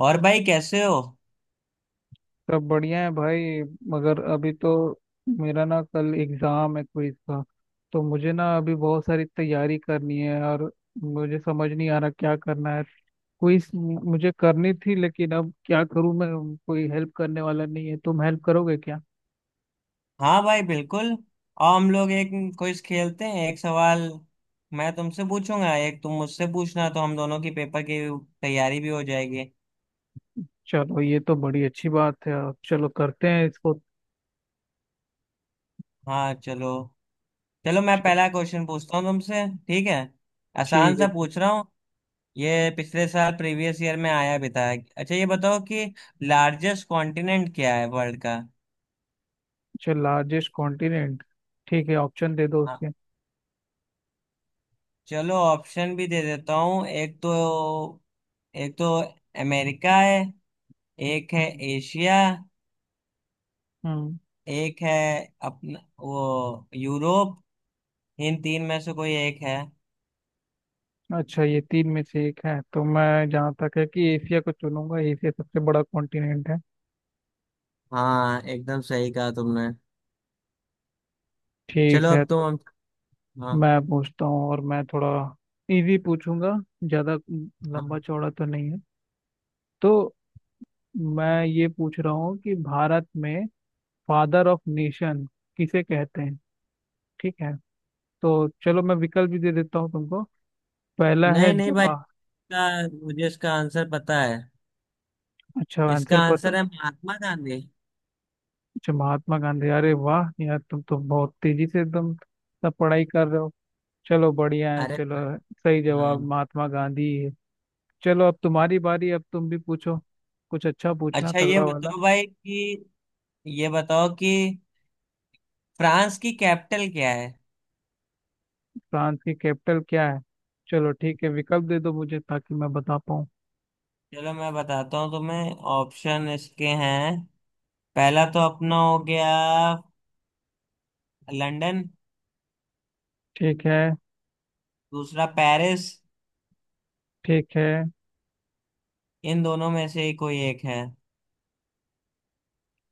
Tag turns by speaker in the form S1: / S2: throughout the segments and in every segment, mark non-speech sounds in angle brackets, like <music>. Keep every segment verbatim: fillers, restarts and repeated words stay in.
S1: और भाई कैसे हो।
S2: सब बढ़िया है भाई। मगर अभी तो मेरा ना कल एग्जाम है क्विज का। तो मुझे ना अभी बहुत सारी तैयारी करनी है और मुझे समझ नहीं आ रहा क्या करना है। क्विज मुझे करनी थी लेकिन अब क्या करूं मैं। कोई हेल्प करने वाला नहीं है, तुम हेल्प करोगे क्या।
S1: हाँ भाई बिल्कुल। आओ हम लोग एक क्विज खेलते हैं। एक सवाल मैं तुमसे पूछूंगा, एक तुम मुझसे पूछना, तो हम दोनों की पेपर की तैयारी भी हो जाएगी।
S2: चलो ये तो बड़ी अच्छी बात है और चलो करते हैं इसको।
S1: हाँ चलो। चलो मैं
S2: च-
S1: पहला क्वेश्चन पूछता हूँ तुमसे, ठीक है? आसान
S2: ठीक है।
S1: सा पूछ रहा हूँ। ये पिछले साल प्रीवियस ईयर में आया भी था। अच्छा ये बताओ कि लार्जेस्ट कॉन्टिनेंट क्या है वर्ल्ड का।
S2: चल लार्जेस्ट कॉन्टिनेंट ठीक है, ऑप्शन दे दो
S1: हाँ,
S2: उसके।
S1: चलो ऑप्शन भी दे देता हूँ। एक तो एक तो अमेरिका है। एक है
S2: हम्म।
S1: एशिया।
S2: हम्म।
S1: एक है अपना वो, यूरोप। इन तीन में से कोई एक है।
S2: अच्छा ये तीन में से एक है तो मैं जहाँ तक है कि एशिया को चुनूंगा। एशिया सबसे बड़ा कॉन्टिनेंट है।
S1: हाँ, एकदम सही कहा तुमने। चलो
S2: ठीक है।
S1: अब
S2: तो
S1: तुम। हाँ।
S2: मैं पूछता हूँ और मैं थोड़ा इजी पूछूंगा। ज़्यादा लंबा
S1: हाँ,
S2: चौड़ा तो नहीं है। तो मैं ये पूछ रहा हूँ कि भारत में फादर ऑफ नेशन किसे कहते हैं। ठीक है। तो चलो मैं विकल्प भी दे देता हूँ तुमको। पहला है
S1: नहीं नहीं भाई,
S2: जवाहर।
S1: इसका मुझे इसका आंसर पता है।
S2: अच्छा,
S1: इसका
S2: आंसर पता।
S1: आंसर है महात्मा गांधी।
S2: अच्छा महात्मा गांधी। अरे वाह यार, तुम तो बहुत तेजी से एकदम सब पढ़ाई कर रहे हो। चलो बढ़िया है
S1: अरे
S2: चलो। सही
S1: हाँ।
S2: जवाब महात्मा गांधी है। चलो अब तुम्हारी बारी, अब तुम भी पूछो कुछ अच्छा, पूछना
S1: अच्छा ये
S2: तगड़ा वाला।
S1: बताओ भाई कि, ये बताओ कि फ्रांस की कैपिटल क्या है।
S2: फ्रांस की कैपिटल क्या है। चलो ठीक है, विकल्प दे दो मुझे ताकि मैं बता पाऊँ।
S1: चलो मैं बताता हूँ तुम्हें, ऑप्शन इसके हैं। पहला तो अपना हो गया लंदन।
S2: ठीक है।
S1: दूसरा पेरिस।
S2: ठीक है।
S1: इन दोनों में से ही कोई एक है।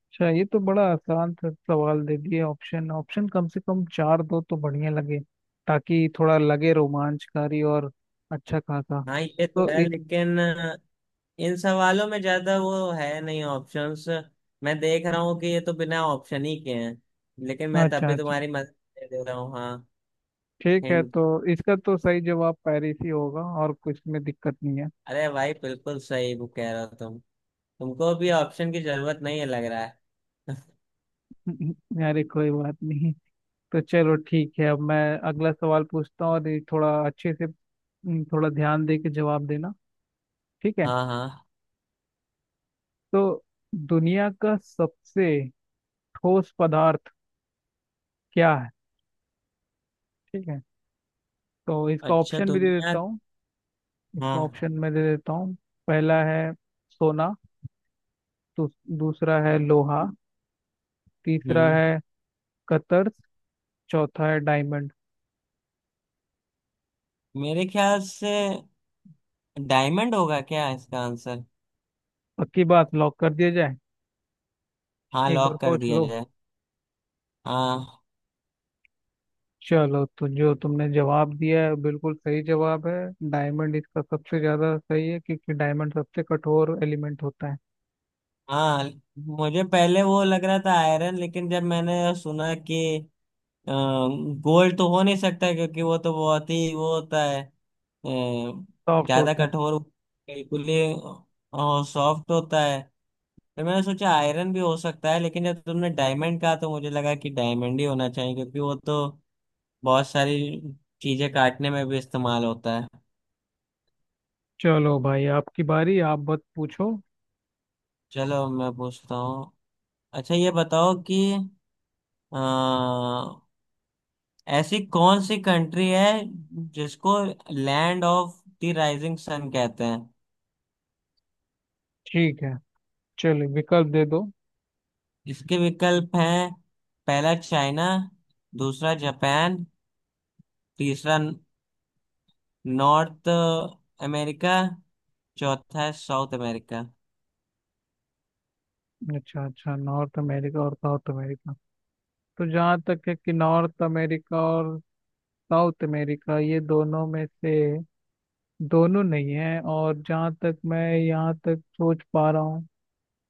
S2: अच्छा ये तो बड़ा आसान सा सवाल दे दिए। ऑप्शन ऑप्शन कम से कम चार दो तो बढ़िया लगे, ताकि थोड़ा लगे रोमांचकारी और अच्छा खासा।
S1: हाँ ये तो
S2: तो
S1: है,
S2: इस।
S1: लेकिन इन सवालों में ज्यादा वो है नहीं ऑप्शंस। मैं देख रहा हूँ कि ये तो बिना ऑप्शन ही के हैं, लेकिन मैं तब
S2: अच्छा
S1: भी
S2: अच्छा।
S1: तुम्हारी मदद ले दे रहा हूँ। हाँ,
S2: ठीक है
S1: हिंट।
S2: तो इसका तो सही जवाब पेरिस ही होगा, और कुछ में दिक्कत नहीं है।
S1: अरे भाई बिल्कुल सही वो कह रहे हो तुम। तुमको भी ऑप्शन की जरूरत नहीं है लग रहा है।
S2: <laughs> अरे कोई बात नहीं। तो चलो ठीक है, अब मैं अगला सवाल पूछता हूँ और ये थोड़ा अच्छे से हम्म, थोड़ा ध्यान दे के जवाब देना। ठीक है।
S1: हाँ हाँ।
S2: तो दुनिया का सबसे ठोस पदार्थ क्या है। ठीक है, तो इसका
S1: अच्छा,
S2: ऑप्शन भी दे
S1: दुनिया।
S2: देता हूँ। इसका
S1: हाँ।
S2: ऑप्शन मैं दे देता हूँ। पहला है सोना। दू, दूसरा है लोहा। तीसरा
S1: हम्म।
S2: है कतर्स। चौथा है डायमंड।
S1: मेरे ख्याल से डायमंड होगा क्या इसका आंसर?
S2: पक्की बात, लॉक कर दिया जाए।
S1: हाँ
S2: एक बार
S1: लॉक कर
S2: सोच
S1: दिया
S2: लो।
S1: जाए। हाँ
S2: चलो तो जो तुमने जवाब दिया है बिल्कुल सही जवाब है। डायमंड इसका सबसे ज्यादा सही है क्योंकि डायमंड सबसे कठोर एलिमेंट होता है।
S1: हाँ मुझे पहले वो लग रहा था आयरन, लेकिन जब मैंने सुना कि गोल्ड तो हो नहीं सकता क्योंकि वो तो बहुत ही वो होता है, अ,
S2: सॉफ्ट
S1: ज्यादा
S2: होता है।
S1: कठोर, बिल्कुल ही सॉफ्ट होता है। तो मैंने सोचा आयरन भी हो सकता है, लेकिन जब तुमने डायमंड कहा तो मुझे लगा कि डायमंड ही होना चाहिए क्योंकि वो तो बहुत सारी चीजें काटने में भी इस्तेमाल होता है।
S2: चलो भाई आपकी बारी, आप बस पूछो।
S1: चलो मैं पूछता हूँ। अच्छा ये बताओ कि अ, ऐसी कौन सी कंट्री है जिसको land of the rising sun कहते हैं।
S2: ठीक है, चलो विकल्प दे दो।
S1: इसके विकल्प हैं, पहला चाइना, दूसरा जापान, तीसरा नॉर्थ अमेरिका, चौथा है साउथ अमेरिका।
S2: अच्छा अच्छा, नॉर्थ अमेरिका और साउथ अमेरिका। तो जहाँ तक है कि नॉर्थ अमेरिका और साउथ अमेरिका ये दोनों में से दोनों नहीं है। और जहाँ तक मैं यहाँ तक सोच पा रहा हूँ,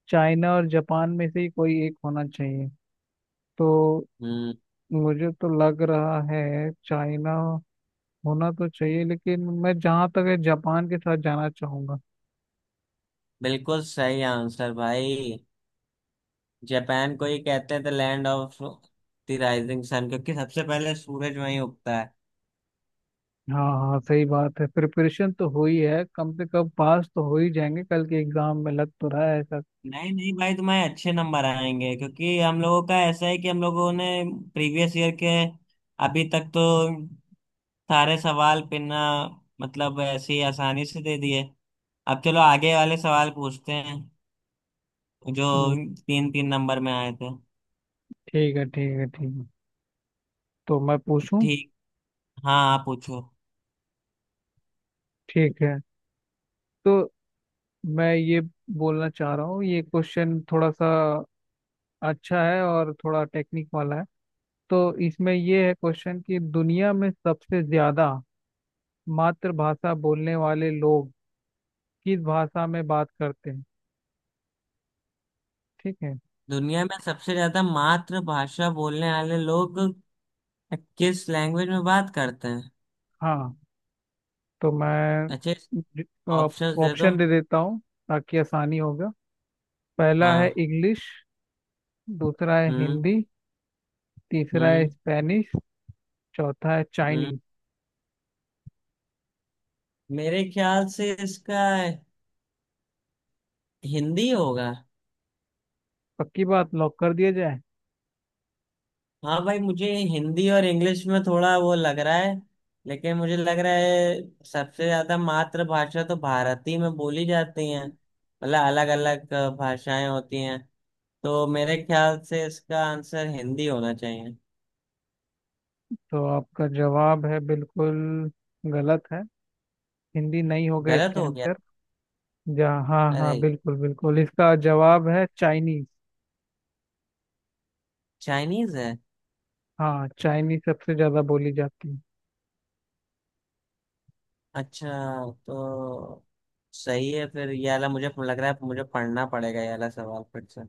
S2: चाइना और जापान में से ही कोई एक होना चाहिए। तो
S1: हम्म।
S2: मुझे तो लग रहा है चाइना होना तो चाहिए, लेकिन मैं जहाँ तक है जापान के साथ जाना चाहूंगा।
S1: बिल्कुल सही आंसर भाई। जापान को ही कहते हैं the land of the rising sun क्योंकि सबसे पहले सूरज वहीं उगता है।
S2: हाँ हाँ सही बात है। प्रिपरेशन तो हुई है, कम से कम पास तो हो ही जाएंगे कल के एग्जाम में, लग तो रहा है ऐसा।
S1: नहीं नहीं भाई, तुम्हारे अच्छे नंबर आएंगे क्योंकि हम लोगों का ऐसा है कि हम लोगों ने प्रीवियस ईयर के अभी तक तो सारे सवाल पिना, मतलब ऐसे ही आसानी से दे दिए। अब चलो आगे वाले सवाल पूछते हैं जो
S2: हम्म,
S1: तीन तीन नंबर में आए थे।
S2: ठीक है ठीक है ठीक है। तो मैं पूछूं।
S1: ठीक। हाँ आप पूछो।
S2: ठीक है तो मैं ये बोलना चाह रहा हूँ, ये क्वेश्चन थोड़ा सा अच्छा है और थोड़ा टेक्निक वाला है। तो इसमें ये है क्वेश्चन कि दुनिया में सबसे ज्यादा मातृभाषा बोलने वाले लोग किस भाषा में बात करते हैं। ठीक है।
S1: दुनिया में सबसे ज्यादा मातृभाषा बोलने वाले लोग किस लैंग्वेज में बात करते हैं?
S2: हाँ। तो मैं
S1: अच्छे ऑप्शंस दे दो।
S2: ऑप्शन दे देता हूँ, ताकि आसानी होगा। पहला है
S1: हाँ।
S2: इंग्लिश। दूसरा है
S1: हम्म।
S2: हिंदी। तीसरा है
S1: हम्म।
S2: स्पेनिश। चौथा है
S1: हम्म।
S2: चाइनीज।
S1: मेरे ख्याल से इसका हिंदी होगा।
S2: पक्की बात, लॉक कर दिया जाए।
S1: हाँ भाई, मुझे हिंदी और इंग्लिश में थोड़ा वो लग रहा है, लेकिन मुझे लग रहा है सबसे ज्यादा मातृभाषा तो भारती में बोली जाती है, मतलब अलग अलग भाषाएं होती हैं। तो मेरे ख्याल से इसका आंसर हिंदी होना चाहिए।
S2: तो आपका जवाब है बिल्कुल गलत है। हिंदी नहीं होगा
S1: गलत
S2: इसका
S1: हो गया?
S2: आंसर। जहाँ हाँ
S1: अरे,
S2: हाँ बिल्कुल बिल्कुल, इसका जवाब है चाइनीज।
S1: चाइनीज है!
S2: हाँ चाइनीज सबसे ज्यादा बोली जाती है।
S1: अच्छा, तो सही है फिर। ये वाला मुझे लग रहा है मुझे पढ़ना पड़ेगा, ये वाला सवाल फिर से।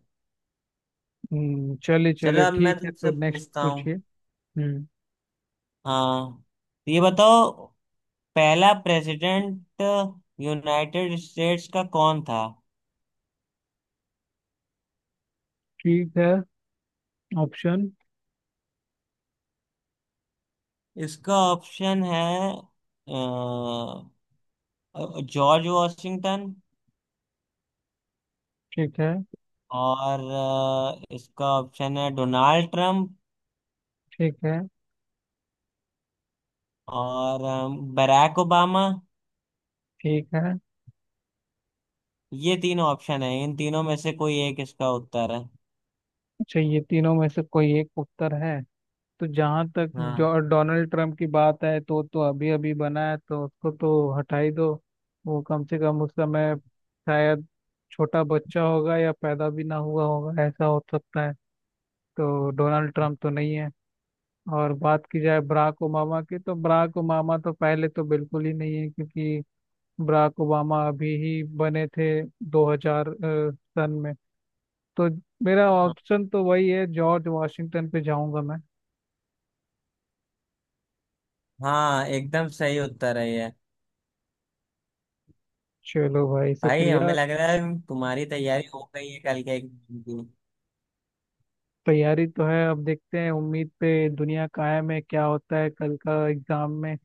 S2: हम्म चलिए
S1: चलो
S2: चलिए,
S1: अब मैं
S2: ठीक है तो
S1: तुमसे
S2: नेक्स्ट
S1: पूछता हूँ।
S2: पूछिए। हम्म।
S1: हाँ। तो ये बताओ, पहला प्रेसिडेंट यूनाइटेड स्टेट्स का कौन था?
S2: ठीक है, ऑप्शन।
S1: इसका ऑप्शन है अ, जॉर्ज वॉशिंगटन।
S2: ठीक है
S1: और अ, इसका ऑप्शन है डोनाल्ड ट्रंप।
S2: ठीक है
S1: और अ, बराक ओबामा।
S2: ठीक है।
S1: ये तीन ऑप्शन है, इन तीनों में से कोई एक इसका उत्तर है।
S2: अच्छा ये तीनों में से कोई एक उत्तर है। तो जहाँ तक
S1: हाँ।
S2: जो डोनाल्ड ट्रंप की बात है तो तो अभी अभी बना है तो उसको तो हटा ही दो। वो कम से कम उस समय शायद छोटा बच्चा होगा या पैदा भी ना हुआ होगा, ऐसा हो सकता है। तो डोनाल्ड ट्रंप तो नहीं है। और बात की जाए बराक ओबामा की, तो बराक ओबामा तो पहले तो बिल्कुल ही नहीं है क्योंकि बराक ओबामा अभी ही बने थे दो हज़ार अ, सन में। तो मेरा ऑप्शन तो वही है, जॉर्ज वाशिंगटन पे जाऊंगा मैं।
S1: हाँ एकदम सही उत्तर है ये।
S2: चलो भाई
S1: भाई हमें
S2: शुक्रिया।
S1: लग रहा है तुम्हारी तैयारी हो गई है कल के एग्जाम की।
S2: तैयारी तो है, अब देखते हैं उम्मीद पे दुनिया कायम है, क्या होता है कल का एग्जाम में।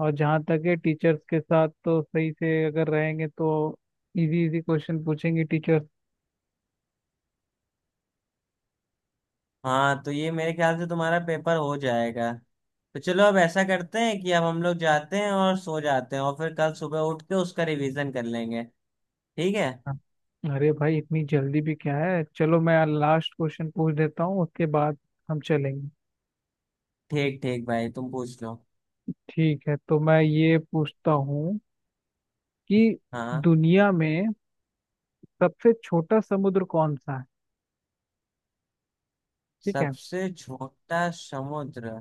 S2: और जहाँ तक है टीचर्स के साथ तो सही से अगर रहेंगे तो इजी इजी क्वेश्चन पूछेंगे टीचर्स।
S1: हाँ, तो ये मेरे ख्याल से तुम्हारा पेपर हो जाएगा। तो चलो अब ऐसा करते हैं कि अब हम लोग जाते हैं और सो जाते हैं, और फिर कल सुबह उठ के उसका रिवीजन कर लेंगे, ठीक है?
S2: अरे भाई इतनी जल्दी भी क्या है, चलो मैं लास्ट क्वेश्चन पूछ देता हूँ उसके बाद हम चलेंगे।
S1: ठीक ठीक भाई, तुम पूछ लो।
S2: ठीक है तो मैं ये पूछता हूँ कि
S1: हाँ।
S2: दुनिया में सबसे छोटा समुद्र कौन सा है। ठीक है।
S1: सबसे छोटा समुद्र।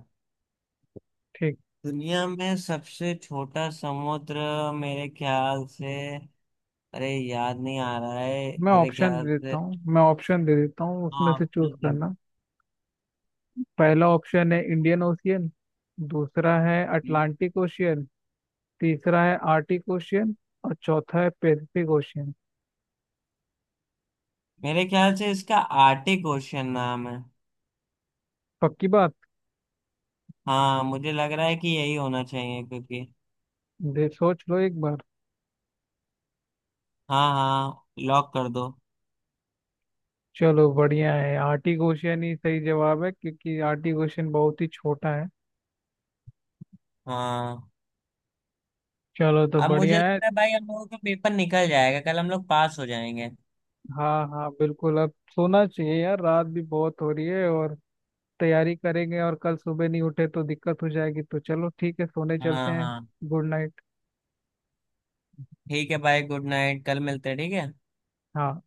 S2: ठीक।
S1: दुनिया में सबसे छोटा समुद्र, मेरे ख्याल से, अरे याद नहीं आ रहा है
S2: मैं
S1: मेरे
S2: ऑप्शन दे
S1: ख्याल
S2: देता
S1: से।
S2: हूँ, मैं ऑप्शन दे देता हूँ, उसमें
S1: हाँ,
S2: से चूज
S1: ऑप्शन दो।
S2: करना। पहला ऑप्शन है इंडियन ओशियन। दूसरा है
S1: हम्म।
S2: Atlantic Ocean. तीसरा है आर्टिक ओशियन। और चौथा है पैसिफिक ओशियन।
S1: मेरे ख्याल से इसका आर्टिक ओशन नाम है।
S2: पक्की बात,
S1: हाँ मुझे लग रहा है कि यही होना चाहिए क्योंकि,
S2: दे सोच लो एक बार।
S1: हाँ हाँ लॉक कर दो।
S2: चलो बढ़िया है, आर्टिक ओशियन ही सही जवाब है क्योंकि आर्टिक ओशियन बहुत ही छोटा है।
S1: हाँ।
S2: चलो तो
S1: अब मुझे
S2: बढ़िया है।
S1: लगता है भाई हम लोगों का पेपर निकल जाएगा कल, हम लोग पास हो जाएंगे।
S2: हाँ हाँ बिल्कुल, अब सोना चाहिए यार, रात भी बहुत हो रही है और तैयारी करेंगे और कल सुबह नहीं उठे तो दिक्कत हो जाएगी। तो चलो ठीक है सोने चलते
S1: हाँ
S2: हैं।
S1: हाँ।
S2: Good night.
S1: ठीक है भाई, गुड नाइट, कल मिलते हैं, ठीक है?
S2: हाँ।